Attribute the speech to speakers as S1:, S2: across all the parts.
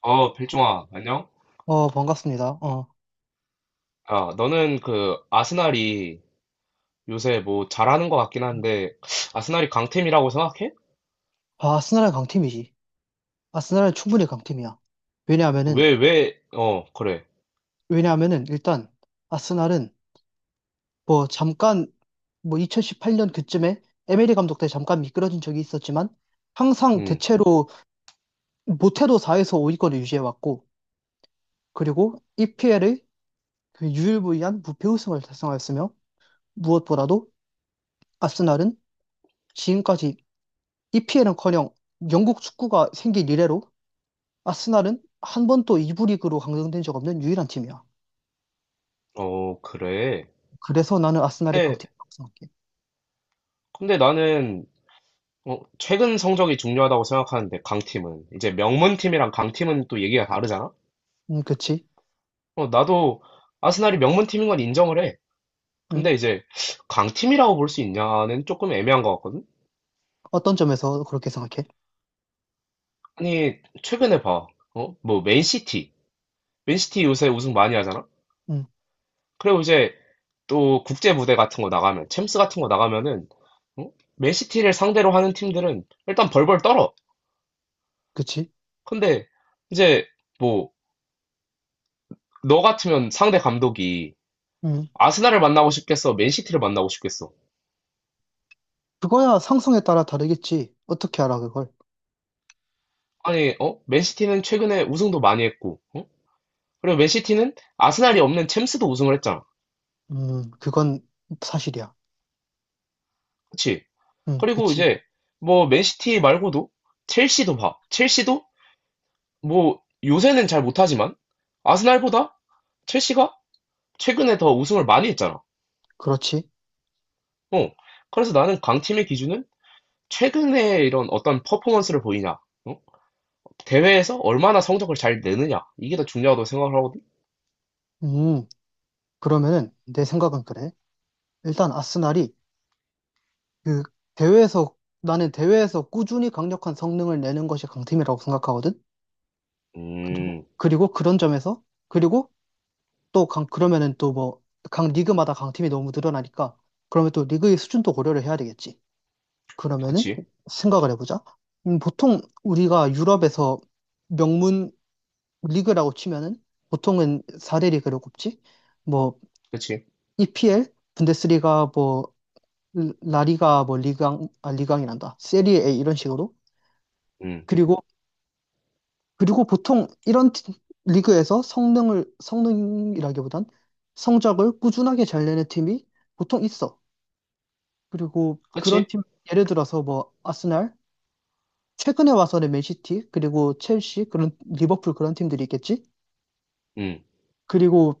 S1: 필중아, 안녕?
S2: 반갑습니다. 어.
S1: 너는 아스날이 요새 잘하는 것 같긴 한데, 아스날이 강팀이라고 생각해?
S2: 아, 아스날은 강팀이지. 아스날은 충분히 강팀이야. 왜냐하면은,
S1: 왜, 그래.
S2: 왜냐하면은, 일단, 아스날은, 뭐, 잠깐, 뭐, 2018년 그쯤에, 에메리 감독 때 잠깐 미끄러진 적이 있었지만, 항상
S1: 음.
S2: 대체로, 못해도 4에서 5위권을 유지해왔고, 그리고, EPL의 그 유일무이한 무패 우승을 달성하였으며, 무엇보다도, 아스날은 지금까지 EPL은커녕 영국 축구가 생긴 이래로 아스날은 한 번도 2부 리그로 강등된 적 없는 유일한 팀이야.
S1: 그래.
S2: 그래서 나는 아스날이
S1: 근데,
S2: 강팀이라고 생각해.
S1: 근데 나는 최근 성적이 중요하다고 생각하는데, 강팀은. 이제 명문팀이랑 강팀은 또 얘기가 다르잖아?
S2: 그치?
S1: 나도 아스날이 명문팀인 건 인정을 해.
S2: 음,
S1: 근데 이제 강팀이라고 볼 수 있냐는 조금 애매한 것 같거든?
S2: 어떤 점에서 그렇게 생각해?
S1: 아니, 최근에 봐. 맨시티. 맨시티 요새 우승 많이 하잖아?
S2: 음,
S1: 그리고 이제 또 국제 무대 같은 거 나가면, 챔스 같은 거 나가면은, 어? 맨시티를 상대로 하는 팀들은 일단 벌벌 떨어.
S2: 그치?
S1: 근데 이제 뭐, 너 같으면 상대 감독이
S2: 음,
S1: 아스날을 만나고 싶겠어? 맨시티를 만나고 싶겠어?
S2: 그거야 상승에 따라 다르겠지. 어떻게 알아, 그걸?
S1: 아니, 어? 맨시티는 최근에 우승도 많이 했고, 어? 그리고 맨시티는 아스날이 없는 챔스도 우승을 했잖아.
S2: 그건 사실이야.
S1: 그치? 그리고
S2: 그치?
S1: 이제 맨시티 말고도 첼시도 봐. 첼시도 요새는 잘 못하지만, 아스날보다 첼시가 최근에 더 우승을 많이 했잖아.
S2: 그렇지?
S1: 어. 그래서 나는 강팀의 기준은 최근에 이런 어떤 퍼포먼스를 보이냐, 어? 대회에서 얼마나 성적을 잘 내느냐, 이게 더 중요하다고 생각을 하거든.
S2: 음, 그러면은 내 생각은 그래. 일단 그 대회에서, 나는 대회에서 꾸준히 강력한 성능을 내는 것이 강팀이라고 생각하거든? 그리고,
S1: 음,
S2: 그리고 그런 점에서, 그리고 그러면은 또 뭐, 각 리그마다 강팀이 너무 늘어나니까, 그러면 또 리그의 수준도 고려를 해야 되겠지. 그러면은
S1: 그치,
S2: 생각을 해보자. 보통 우리가 유럽에서 명문 리그라고 치면은 보통은 4대 리그로 꼽지. 뭐,
S1: 그치,
S2: EPL, 분데스리가, 뭐, 라리가, 뭐, 리강, 아, 리강이란다. 세리에 A 이런 식으로.
S1: 음,
S2: 그리고, 그리고 보통 이런 리그에서 성능이라기보단 성적을 꾸준하게 잘 내는 팀이 보통 있어. 그리고 그런
S1: 그치,
S2: 팀, 예를 들어서 뭐, 아스날, 최근에 와서는 맨시티, 그리고 첼시, 그런, 리버풀 그런 팀들이 있겠지?
S1: 음,
S2: 그리고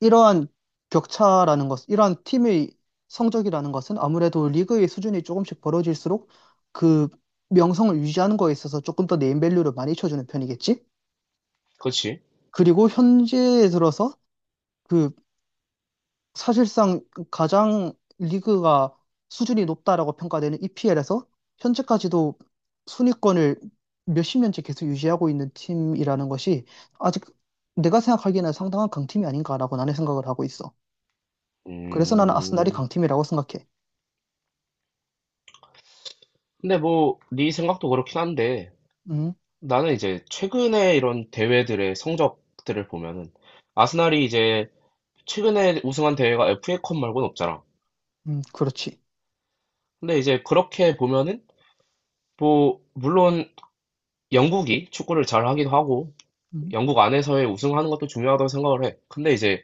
S2: 이러한 격차라는 것, 이러한 팀의 성적이라는 것은 아무래도 리그의 수준이 조금씩 벌어질수록 그 명성을 유지하는 거에 있어서 조금 더 네임밸류를 많이 쳐주는 편이겠지?
S1: 그치,
S2: 그리고 현재에 들어서 그 사실상 가장 리그가 수준이 높다라고 평가되는 EPL에서 현재까지도 순위권을 몇십 년째 계속 유지하고 있는 팀이라는 것이 아직 내가 생각하기에는 상당한 강팀이 아닌가라고 나는 생각을 하고 있어. 그래서 나는 아스날이
S1: 음.
S2: 강팀이라고 생각해.
S1: 근데 네 생각도 그렇긴 한데,
S2: 음,
S1: 나는 이제 최근에 이런 대회들의 성적들을 보면은, 아스날이 이제 최근에 우승한 대회가 FA컵 말고는 없잖아.
S2: 그렇지.
S1: 근데 이제 그렇게 보면은, 물론 영국이 축구를 잘하기도 하고
S2: 음,
S1: 영국 안에서의 우승하는 것도 중요하다고 생각을 해. 근데 이제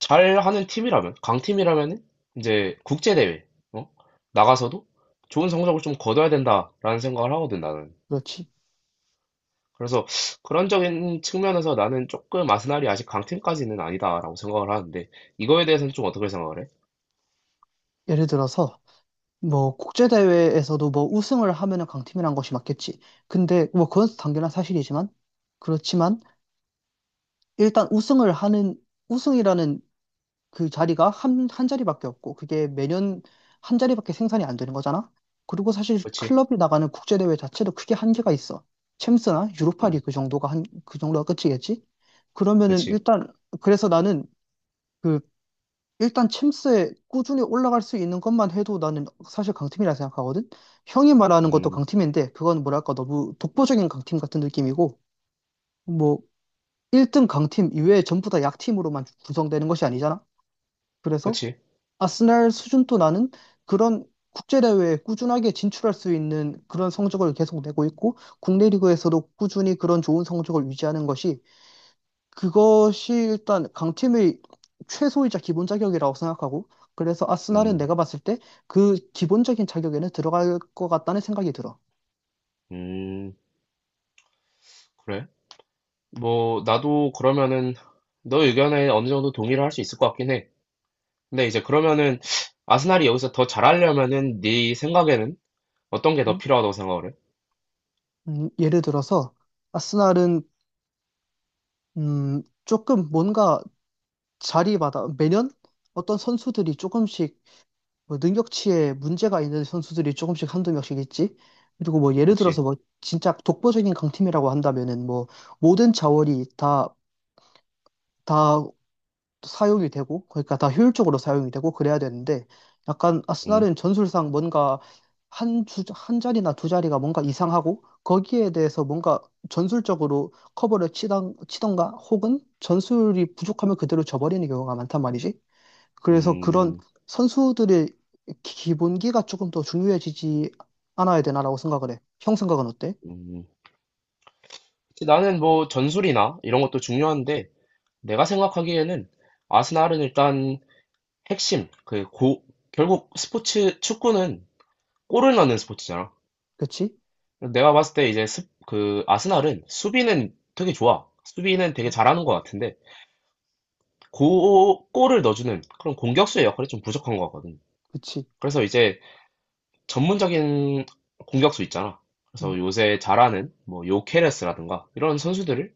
S1: 잘하는 팀이라면 강팀이라면 이제 국제 대회 어? 나가서도 좋은 성적을 좀 거둬야 된다라는 생각을 하거든 나는.
S2: 그렇지.
S1: 그래서 그런적인 측면에서 나는 조금 아스날이 아직 강팀까지는 아니다라고 생각을 하는데 이거에 대해서는 좀 어떻게 생각을 해?
S2: 예를 들어서 뭐 국제대회에서도 뭐 우승을 하면은 강팀이란 것이 맞겠지. 근데 뭐 그건 당연한 사실이지만 그렇지만 일단 우승을 하는 우승이라는 그 자리가 한, 한 자리밖에 없고 그게 매년 한 자리밖에 생산이 안 되는 거잖아. 그리고 사실
S1: 그렇지,
S2: 클럽이 나가는 국제대회 자체도 크게 한계가 있어. 챔스나 유로파
S1: 음,
S2: 리그 정도가 그 정도가 끝이겠지? 그러면은
S1: 그렇지,
S2: 일단 그래서 나는 그 일단 챔스에 꾸준히 올라갈 수 있는 것만 해도 나는 사실 강팀이라 생각하거든. 형이 말하는 것도
S1: 음,
S2: 강팀인데 그건 뭐랄까 너무 독보적인 강팀 같은 느낌이고 뭐 1등 강팀 이외에 전부 다 약팀으로만 구성되는 것이 아니잖아. 그래서
S1: 그렇지,
S2: 아스날 수준도 나는 그런 국제대회에 꾸준하게 진출할 수 있는 그런 성적을 계속 내고 있고, 국내 리그에서도 꾸준히 그런 좋은 성적을 유지하는 것이, 그것이 일단 강팀의 최소이자 기본 자격이라고 생각하고, 그래서 아스날은
S1: 음,
S2: 내가 봤을 때 그 기본적인 자격에는 들어갈 것 같다는 생각이 들어.
S1: 음, 그래. 나도 그러면은 너 의견에 어느 정도 동의를 할 수 있을 것 같긴 해. 근데 이제 그러면은 아스날이 여기서 더 잘하려면은 네 생각에는 어떤 게 더
S2: 음?
S1: 필요하다고 생각을 해?
S2: 예를 들어서, 아스날은, 조금 뭔가 자리마다 매년 어떤 선수들이 조금씩 뭐 능력치에 문제가 있는 선수들이 조금씩 한두 명씩 있지. 그리고 뭐 예를
S1: 그치?
S2: 들어서 뭐 진짜 독보적인 강팀이라고 한다면은 뭐 모든 자원이 다, 다 사용이 되고 그러니까 다 효율적으로 사용이 되고 그래야 되는데 약간
S1: 음,
S2: 아스날은 전술상 뭔가 한 자리나 두 자리가 뭔가 이상하고 거기에 대해서 뭔가 전술적으로 커버를 치던가 혹은 전술이 부족하면 그대로 져버리는 경우가 많단 말이지. 그래서 그런
S1: 음,
S2: 선수들의 기본기가 조금 더 중요해지지 않아야 되나라고 생각을 해. 형 생각은 어때?
S1: 음. 그치, 나는 전술이나 이런 것도 중요한데 내가 생각하기에는 아스날은 일단 핵심, 그 고, 결국 스포츠, 축구는 골을 넣는 스포츠잖아.
S2: 그치?
S1: 내가 봤을 때 이제 스, 그 아스날은 수비는 되게 좋아. 수비는 되게 잘하는 것 같은데 골을 넣어주는 그런 공격수의 역할이 좀 부족한 것 같거든.
S2: 그치.
S1: 그래서 이제 전문적인 공격수 있잖아.
S2: 음,
S1: 그래서 요새 잘하는 요케레스라든가 이런 선수들을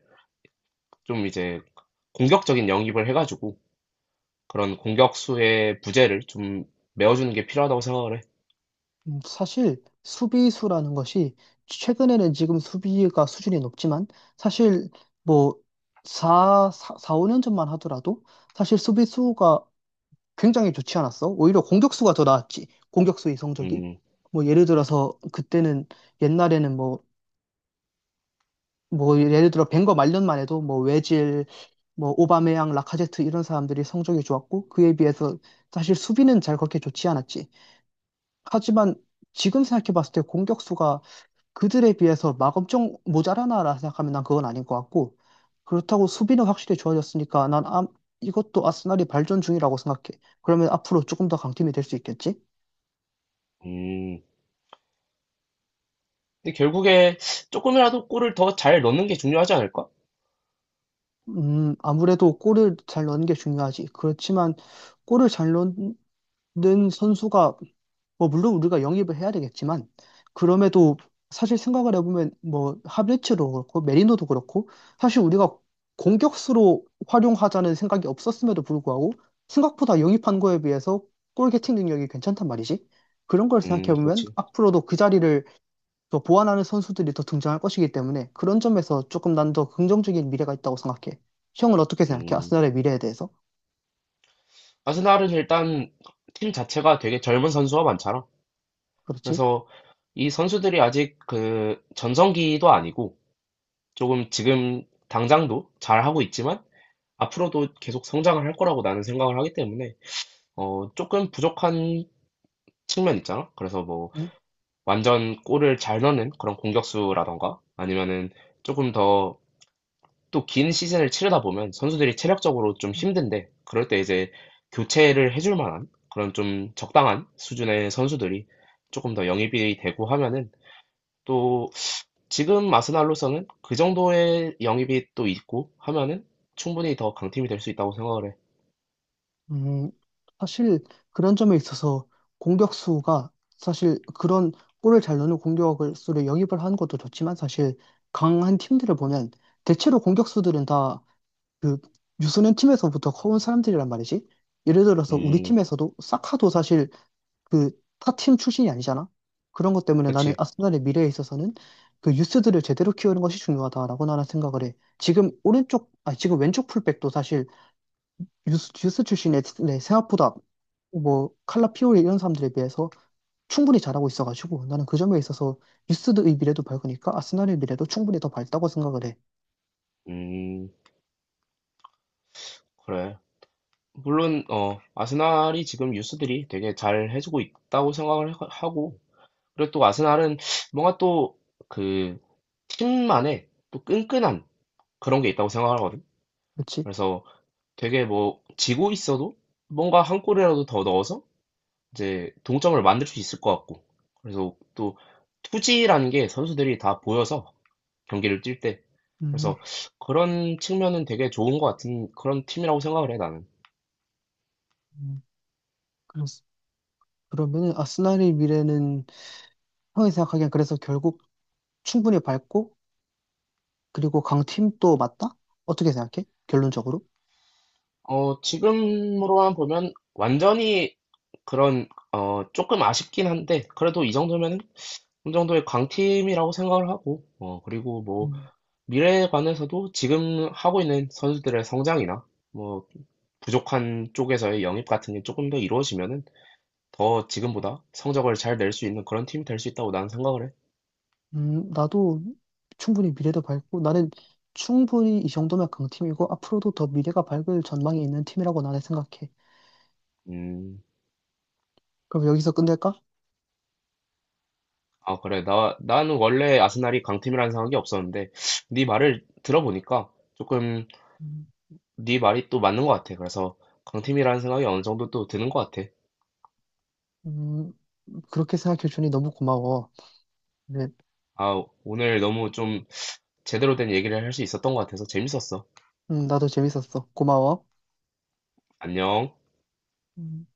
S1: 좀 이제 공격적인 영입을 해가지고 그런 공격수의 부재를 좀 메워주는 게 필요하다고 생각을 해.
S2: 사실 수비수라는 것이 최근에는 지금 수비가 수준이 높지만 사실 뭐 4, 사 4, 5년 전만 하더라도 사실 수비수가 굉장히 좋지 않았어. 오히려 공격수가 더 나았지. 공격수의 성적이.
S1: 음,
S2: 뭐 예를 들어서 그때는 옛날에는 뭐 예를 들어 벵거 말년만 해도 뭐 외질, 뭐 오바메양, 라카제트 이런 사람들이 성적이 좋았고 그에 비해서 사실 수비는 잘 그렇게 좋지 않았지. 하지만 지금 생각해 봤을 때 공격수가 그들에 비해서 막 엄청 모자라나라 생각하면 난 그건 아닌 것 같고 그렇다고 수비는 확실히 좋아졌으니까 난 아, 이것도 아스날이 발전 중이라고 생각해. 그러면 앞으로 조금 더 강팀이 될 수 있겠지?
S1: 음. 근데 결국에 조금이라도 골을 더 잘 넣는 게 중요하지 않을까?
S2: 아무래도 골을 잘 넣는 게 중요하지. 그렇지만 골을 잘 넣는 선수가 뭐 물론 우리가 영입을 해야 되겠지만 그럼에도 사실 생각을 해보면 뭐 하베츠도 그렇고 메리노도 그렇고 사실 우리가 공격수로 활용하자는 생각이 없었음에도 불구하고 생각보다 영입한 거에 비해서 골게팅 능력이 괜찮단 말이지. 그런 걸 생각해보면
S1: 그렇지.
S2: 앞으로도 그 자리를 더 보완하는 선수들이 더 등장할 것이기 때문에 그런 점에서 조금 난 더 긍정적인 미래가 있다고 생각해. 형은 어떻게 생각해?
S1: 음.
S2: 아스날의 미래에 대해서?
S1: 아스날은 일단 팀 자체가 되게 젊은 선수가 많잖아.
S2: 그렇지?
S1: 그래서 이 선수들이 아직 그 전성기도 아니고 조금 지금 당장도 잘하고 있지만 앞으로도 계속 성장을 할 거라고 나는 생각을 하기 때문에 조금 부족한 측면 있잖아. 그래서 완전 골을 잘 넣는 그런 공격수라던가 아니면은 조금 더 또 긴 시즌을 치르다 보면 선수들이 체력적으로 좀 힘든데 그럴 때 이제 교체를 해줄 만한 그런 좀 적당한 수준의 선수들이 조금 더 영입이 되고 하면은 또 지금 아스날로서는 그 정도의 영입이 또 있고 하면은 충분히 더 강팀이 될 수 있다고 생각을 해.
S2: 음, 사실 그런 점에 있어서 공격수가 사실 그런 골을 잘 넣는 공격수를 영입을 하는 것도 좋지만 사실 강한 팀들을 보면 대체로 공격수들은 다 그 유소년 팀에서부터 커온 사람들이란 말이지. 예를 들어서 우리
S1: 음,
S2: 팀에서도 사카도 사실 그 타 팀 출신이 아니잖아. 그런 것 때문에 나는
S1: 그치.
S2: 아스날의 미래에 있어서는 그 유스들을 제대로 키우는 것이 중요하다라고 나는 생각을 해. 지금 아 지금 왼쪽 풀백도 사실 유스 출신 애들이 생각보다 뭐 칼라 피오리 이런 사람들에 비해서 충분히 잘하고 있어가지고 나는 그 점에 있어서 유스의 미래도 밝으니까 아스날의 미래도 충분히 더 밝다고 생각을 해.
S1: 음, 그래. 물론, 어, 아스날이 지금 유스들이 되게 잘 해주고 있다고 생각을 하고, 그리고 또 아스날은 뭔가 또 그 팀만의 또 끈끈한 그런 게 있다고 생각하거든.
S2: 그렇지?
S1: 그래서 되게 지고 있어도 뭔가 한 골이라도 더 넣어서 이제 동점을 만들 수 있을 것 같고. 그래서 또 투지라는 게 선수들이 다 보여서 경기를 뛸 때.
S2: 음,
S1: 그래서 그런 측면은 되게 좋은 것 같은 그런 팀이라고 생각을 해, 나는.
S2: 음, 그렇 그러면은 아스날의 미래는 형이 생각하기엔 그래서 결국 충분히 밝고 그리고 강팀도 맞다? 어떻게 생각해? 결론적으로?
S1: 어, 지금으로만 보면 완전히 그런, 어, 조금 아쉽긴 한데, 그래도 이 정도면은 어느 정도의 강팀이라고 생각을 하고, 그리고
S2: 음,
S1: 미래에 관해서도 지금 하고 있는 선수들의 성장이나, 뭐, 부족한 쪽에서의 영입 같은 게 조금 더 이루어지면은 더 지금보다 성적을 잘 낼 수 있는 그런 팀이 될 수 있다고 나는 생각을 해.
S2: 나도 충분히 미래도 밝고 나는 충분히 이 정도면 강팀이고 앞으로도 더 미래가 밝을 전망이 있는 팀이라고 나는 생각해.
S1: 음.
S2: 그럼 여기서 끝낼까?
S1: 아, 그래. 나는 원래 아스날이 강팀이라는 생각이 없었는데, 네 말을 들어보니까 조금
S2: 음,
S1: 네 말이 또 맞는 것 같아. 그래서 강팀이라는 생각이 어느 정도 또 드는 것 같아.
S2: 음, 그렇게 생각해주니 너무 고마워. 네,
S1: 아, 오늘 너무 좀 제대로 된 얘기를 할 수 있었던 것 같아서 재밌었어.
S2: 나도 재밌었어. 고마워.
S1: 안녕.
S2: 음.